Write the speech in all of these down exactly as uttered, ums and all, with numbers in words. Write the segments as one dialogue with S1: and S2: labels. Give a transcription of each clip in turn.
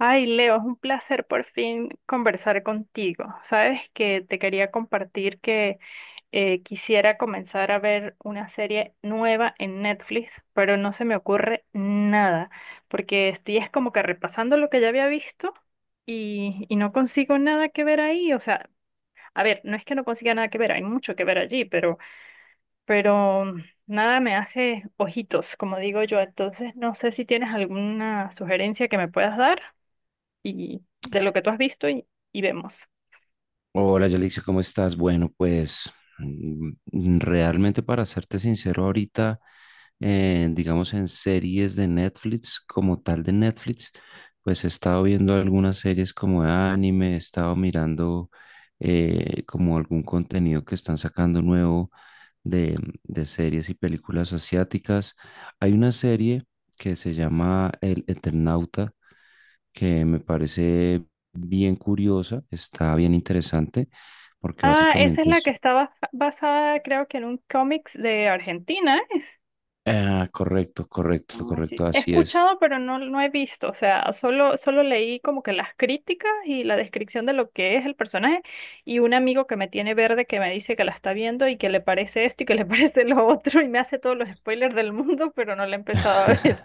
S1: Ay, Leo, es un placer por fin conversar contigo. Sabes que te quería compartir que eh, quisiera comenzar a ver una serie nueva en Netflix, pero no se me ocurre nada, porque estoy es como que repasando lo que ya había visto y, y no consigo nada que ver ahí. O sea, a ver, no es que no consiga nada que ver, hay mucho que ver allí, pero, pero nada me hace ojitos, como digo yo. Entonces, no sé si tienes alguna sugerencia que me puedas dar y de lo que tú has visto y, y vemos.
S2: Hola, Yalixia, ¿cómo estás? Bueno, pues mm, mm, realmente, para serte sincero, ahorita, eh, digamos, en series de Netflix, como tal de Netflix, pues he estado viendo algunas series como de anime. He estado mirando eh, como algún contenido que están sacando nuevo de, de series y películas asiáticas. Hay una serie que se llama El Eternauta, que me parece bien curiosa, está bien interesante, porque
S1: Ah, esa es
S2: básicamente
S1: la que
S2: es...
S1: está bas- basada, creo que en un cómics de Argentina, ¿es?
S2: Ah, correcto, correcto,
S1: Ah,
S2: correcto,
S1: sí. He
S2: así es.
S1: escuchado, pero no, no he visto. O sea, solo, solo leí como que las críticas y la descripción de lo que es el personaje y un amigo que me tiene verde que me dice que la está viendo y que le parece esto y que le parece lo otro y me hace todos los spoilers del mundo, pero no la he empezado a ver.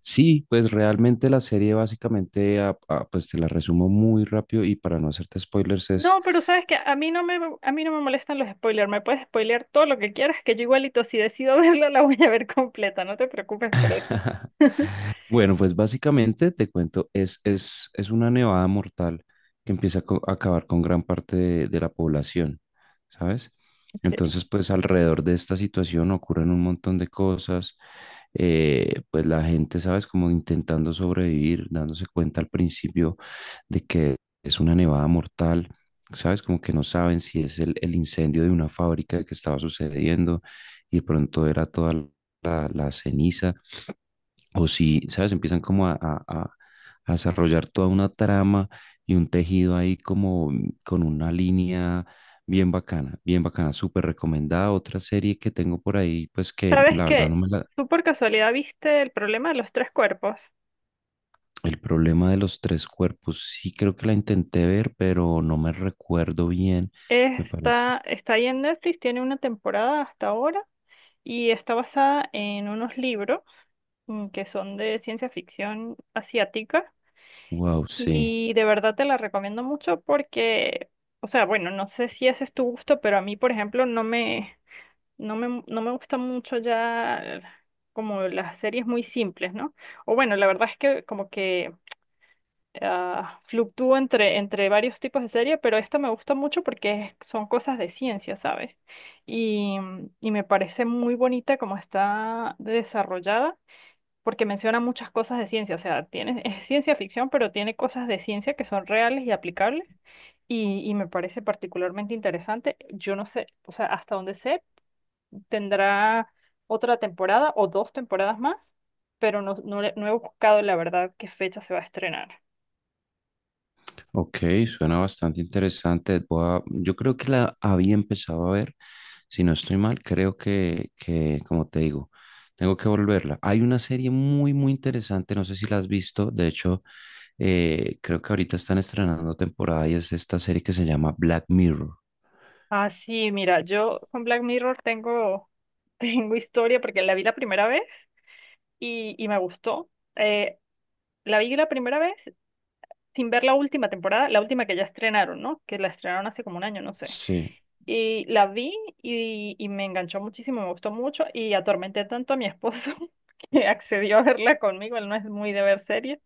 S2: Sí, pues realmente la serie básicamente, ah, ah, pues te la resumo muy rápido y para no hacerte spoilers es...
S1: No, pero sabes que a mí no me, a mí no me molestan los spoilers. Me puedes spoilear todo lo que quieras, que yo igualito si decido verla la voy a ver completa. No te preocupes por eso.
S2: Bueno, pues básicamente te cuento, es, es, es una nevada mortal que empieza a co- a acabar con gran parte de, de la población, ¿sabes?
S1: Ok.
S2: Entonces, pues alrededor de esta situación ocurren un montón de cosas. Eh, pues la gente, ¿sabes?, como intentando sobrevivir, dándose cuenta al principio de que es una nevada mortal, ¿sabes? Como que no saben si es el, el incendio de una fábrica que estaba sucediendo y de pronto era toda la la ceniza, o si, ¿sabes?, empiezan como a, a- a- a desarrollar toda una trama y un tejido ahí como mm, con una línea bien bacana, bien bacana, súper recomendada. Otra serie que tengo por ahí, pues que
S1: ¿Sabes
S2: la verdad
S1: qué?
S2: no me la...
S1: ¿Tú por casualidad viste el problema de los tres cuerpos?
S2: El problema de los tres cuerpos, sí, creo que la intenté ver, pero no me recuerdo bien, me parece.
S1: Está, está ahí en Netflix, tiene una temporada hasta ahora y está basada en unos libros mm, que son de ciencia ficción asiática.
S2: Wow, sí.
S1: Y de verdad te la recomiendo mucho porque, o sea, bueno, no sé si ese es tu gusto, pero a mí, por ejemplo, no me, no me, no me gusta mucho ya como las series muy simples, ¿no? O bueno, la verdad es que como que ah, fluctúo entre, entre varios tipos de serie, pero esta me gusta mucho porque es- son cosas de ciencia, ¿sabes? Y, y me parece muy bonita como está desarrollada porque menciona muchas cosas de ciencia, o sea, tiene, es ciencia ficción, pero tiene cosas de ciencia que son reales y aplicables y, y me parece particularmente interesante. Yo no sé, o sea, hasta donde sé, tendrá otra temporada o dos temporadas más, pero no, no, le- no he buscado la verdad qué fecha se va a estrenar.
S2: Ok, suena bastante interesante. Voy a... yo creo que la había empezado a ver. Si no estoy mal, creo que, que, como te digo, tengo que volverla. Hay una serie muy, muy interesante, no sé si la has visto. De hecho, eh, creo que ahorita están estrenando temporada y es esta serie que se llama Black Mirror.
S1: Ah, sí, mira, yo con Black Mirror tengo, tengo historia porque la vi la primera vez y, y me gustó. Eh, la vi la primera vez sin ver la última temporada, la última que ya estrenaron, ¿no? Que la estrenaron hace como un año, no sé.
S2: Sí,
S1: Y la vi y, y me enganchó muchísimo, me gustó mucho y atormenté tanto a mi esposo que accedió a verla conmigo, él no es muy de ver series.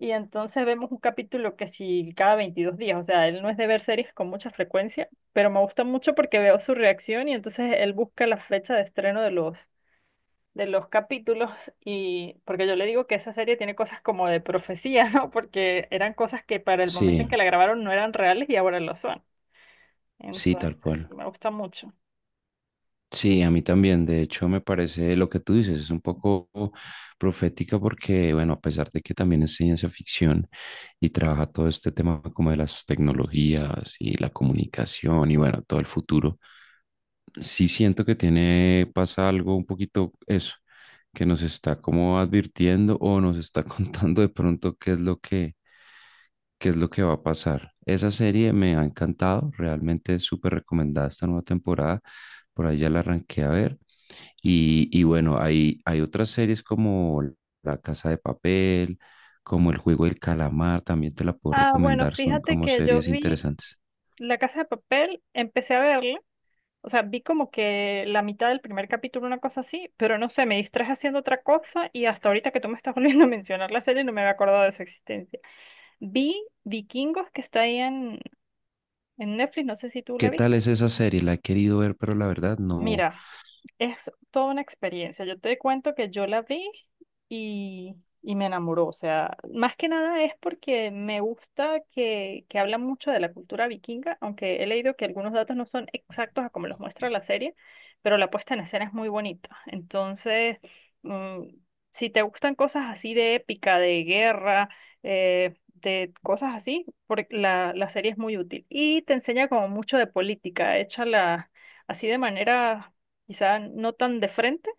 S1: Y entonces vemos un capítulo que sí cada veintidós días, o sea, él no es de ver series con mucha frecuencia, pero me gusta mucho porque veo su reacción y entonces él busca la fecha de estreno de los de los capítulos y porque yo le digo que esa serie tiene cosas como de profecía, ¿no? Porque eran cosas que para el momento
S2: sí,
S1: en que la grabaron no eran reales y ahora lo son.
S2: sí, tal
S1: Entonces,
S2: cual.
S1: sí, me gusta mucho.
S2: Sí, a mí también. De hecho, me parece, lo que tú dices, es un poco profética porque, bueno, a pesar de que también es ciencia ficción y trabaja todo este tema como de las tecnologías y la comunicación y, bueno, todo el futuro, sí siento que tiene, pasa algo un poquito eso, que nos está como advirtiendo o nos está contando de pronto qué es lo que, qué es lo que va a pasar. Esa serie me ha encantado, realmente es súper recomendada esta nueva temporada. Por ahí ya la arranqué a ver. Y, y bueno, hay, hay otras series como La Casa de Papel, como El Juego del Calamar, también te la puedo
S1: Ah, bueno,
S2: recomendar, son
S1: fíjate
S2: como
S1: que yo
S2: series
S1: vi
S2: interesantes.
S1: La Casa de Papel, empecé a verla, o sea, vi como que la mitad del primer capítulo, una cosa así, pero no sé, me distraje haciendo otra cosa y hasta ahorita que tú me estás volviendo a mencionar la serie no me había acordado de su existencia. Vi Vikingos que está ahí en, en Netflix, no sé si tú la
S2: ¿Qué tal
S1: viste.
S2: es esa serie? La he querido ver, pero la verdad no.
S1: Mira, Es toda una experiencia. Yo te cuento que yo la vi y, y me enamoró. O sea, más que nada es porque me gusta que, que habla mucho de la cultura vikinga, aunque he leído que algunos datos no son exactos a como los muestra la serie, pero la puesta en escena es muy bonita. Entonces, mm, si te gustan cosas así de épica, de guerra, eh, de cosas así, porque la, la serie es muy útil. Y te enseña como mucho de política, échala así de manera Quizá no tan de frente,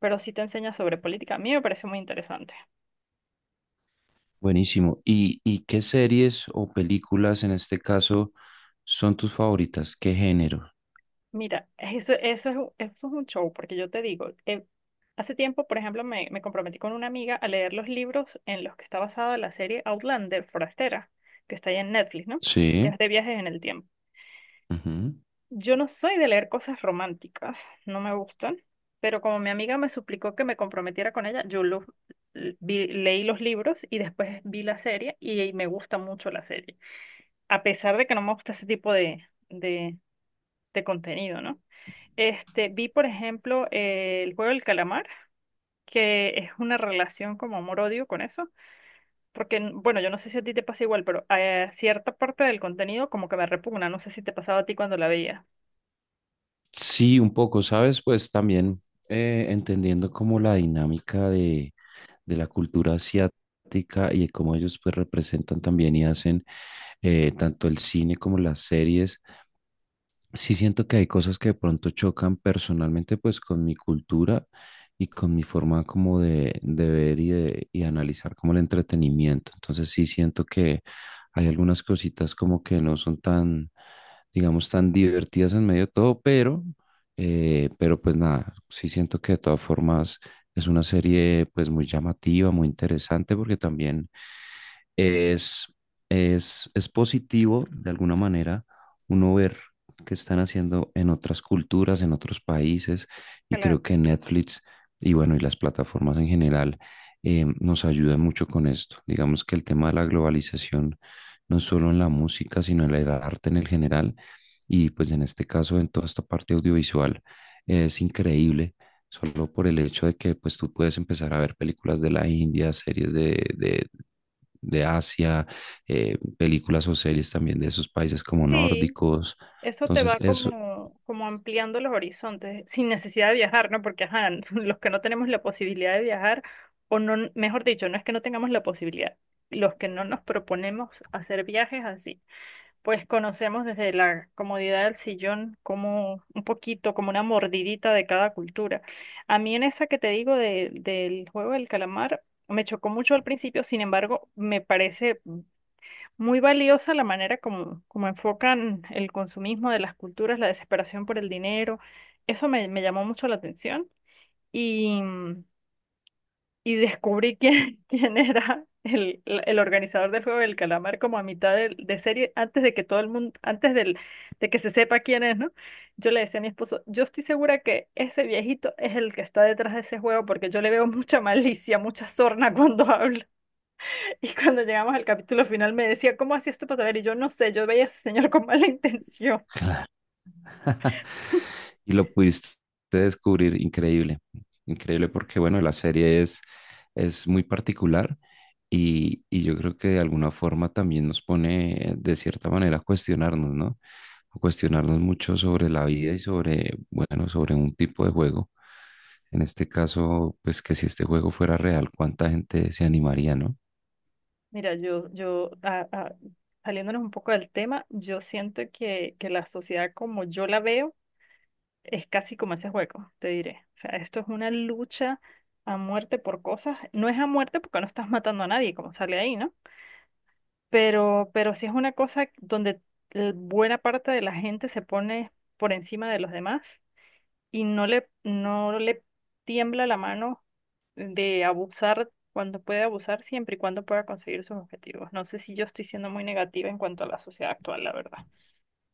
S1: pero sí te enseña sobre política. A mí me pareció muy interesante.
S2: Buenísimo. ¿Y, y qué series o películas en este caso son tus favoritas? ¿Qué género?
S1: Mira, eso, eso es, un- eso es un show, porque yo te digo, eh, hace tiempo, por ejemplo, me, me comprometí con una amiga a leer los libros en los que está basada la serie Outlander, Forastera, que está ahí en Netflix, ¿no?
S2: Sí.
S1: Es de viajes en el tiempo.
S2: Ujú.
S1: Yo no soy de leer cosas románticas, no me gustan, pero como mi amiga me suplicó que me comprometiera con ella, yo los, l- vi- leí los libros y después vi la serie y me gusta mucho la serie. A pesar de que no me gusta ese tipo de, de, de, contenido, ¿no? Este, vi, por ejemplo, eh, el juego del calamar, que es una relación como amor-odio con eso, porque, n- bueno, yo no sé si a ti te pasa igual, pero eh, cierta parte del contenido como que me repugna, no sé si te pasaba a ti cuando la veía.
S2: Sí, un poco, ¿sabes? Pues también, eh, entendiendo como la dinámica de de la cultura asiática y de cómo ellos pues representan también y hacen, eh, tanto el cine como las series. Sí siento que hay cosas que de pronto chocan personalmente pues con mi cultura y con mi forma como de, de ver y de y analizar como el entretenimiento. Entonces sí siento que hay algunas cositas como que no son tan, digamos, tan divertidas en medio de todo, pero, eh, pero pues nada, sí siento que de todas formas es una serie pues muy llamativa, muy interesante, porque también es, es, es positivo de alguna manera uno ver qué están haciendo en otras culturas, en otros países, y
S1: Claro.
S2: creo que Netflix y bueno, y las plataformas en general, eh, nos ayudan mucho con esto. Digamos que el tema de la globalización, no solo en la música, sino en el arte en el general, y pues en este caso en toda esta parte audiovisual, eh, es increíble solo por el hecho de que pues tú puedes empezar a ver películas de la India, series de, de, de Asia, eh, películas o series también de esos países como
S1: Sí,
S2: nórdicos.
S1: Eso te
S2: Entonces,
S1: va
S2: eso,
S1: como, como ampliando los horizontes, sin necesidad de viajar, ¿no? Porque, ajá, los que no tenemos la posibilidad de viajar, o no, mejor dicho, no es que no tengamos la posibilidad, los que no nos proponemos hacer viajes así, pues conocemos desde la comodidad del sillón como un poquito, como una mordidita de cada cultura. A mí en esa que te digo de- del juego del calamar, me chocó mucho al principio, sin embargo, me parece muy valiosa la manera como, como enfocan el consumismo de las culturas, la desesperación por el dinero. Eso me, me llamó mucho la atención y, y descubrí quién, quién era el, el organizador del Juego del Calamar como a mitad de, de serie, antes de que todo el mundo, antes del, de que se sepa quién es, ¿no? Yo le decía a mi esposo, yo estoy segura que ese viejito es el que está detrás de ese juego porque yo le veo mucha malicia, mucha sorna cuando habla. Y cuando llegamos al capítulo final me decía, ¿cómo hacías tú para saber? Y yo no sé, yo veía a ese señor con mala intención.
S2: y lo pudiste descubrir, increíble, increíble, porque, bueno, la serie es, es muy particular y, y yo creo que de alguna forma también nos pone, eh, de cierta manera, a cuestionarnos, ¿no? A cuestionarnos mucho sobre la vida y sobre, bueno, sobre un tipo de juego. En este caso, pues, que si este juego fuera real, ¿cuánta gente se animaría, no?
S1: Mira, yo, yo, ah, ah, saliéndonos un poco del tema, yo siento que, que la sociedad como yo la veo es casi como ese juego, te diré. O sea, esto es una lucha a muerte por cosas. No es a muerte porque no estás matando a nadie, como sale ahí, ¿no? Pero, pero sí es una cosa donde eh, buena parte de la gente se pone por encima de los demás y no le, no le tiembla la mano de abusar cuando puede abusar, siempre y cuando pueda conseguir sus objetivos. No sé si yo estoy siendo muy negativa en cuanto a la sociedad actual, la verdad,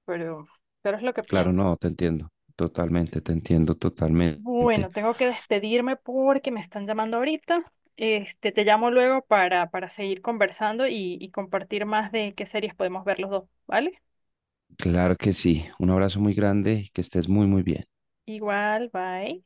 S1: pero, pero es lo que
S2: Claro,
S1: pienso.
S2: no, te entiendo totalmente, te entiendo totalmente.
S1: Bueno, tengo que despedirme porque me están llamando ahorita. Este, te llamo luego para, para seguir conversando y, y compartir más de qué series podemos ver los dos, ¿vale?
S2: Claro que sí. Un abrazo muy grande y que estés muy, muy bien.
S1: Igual, bye.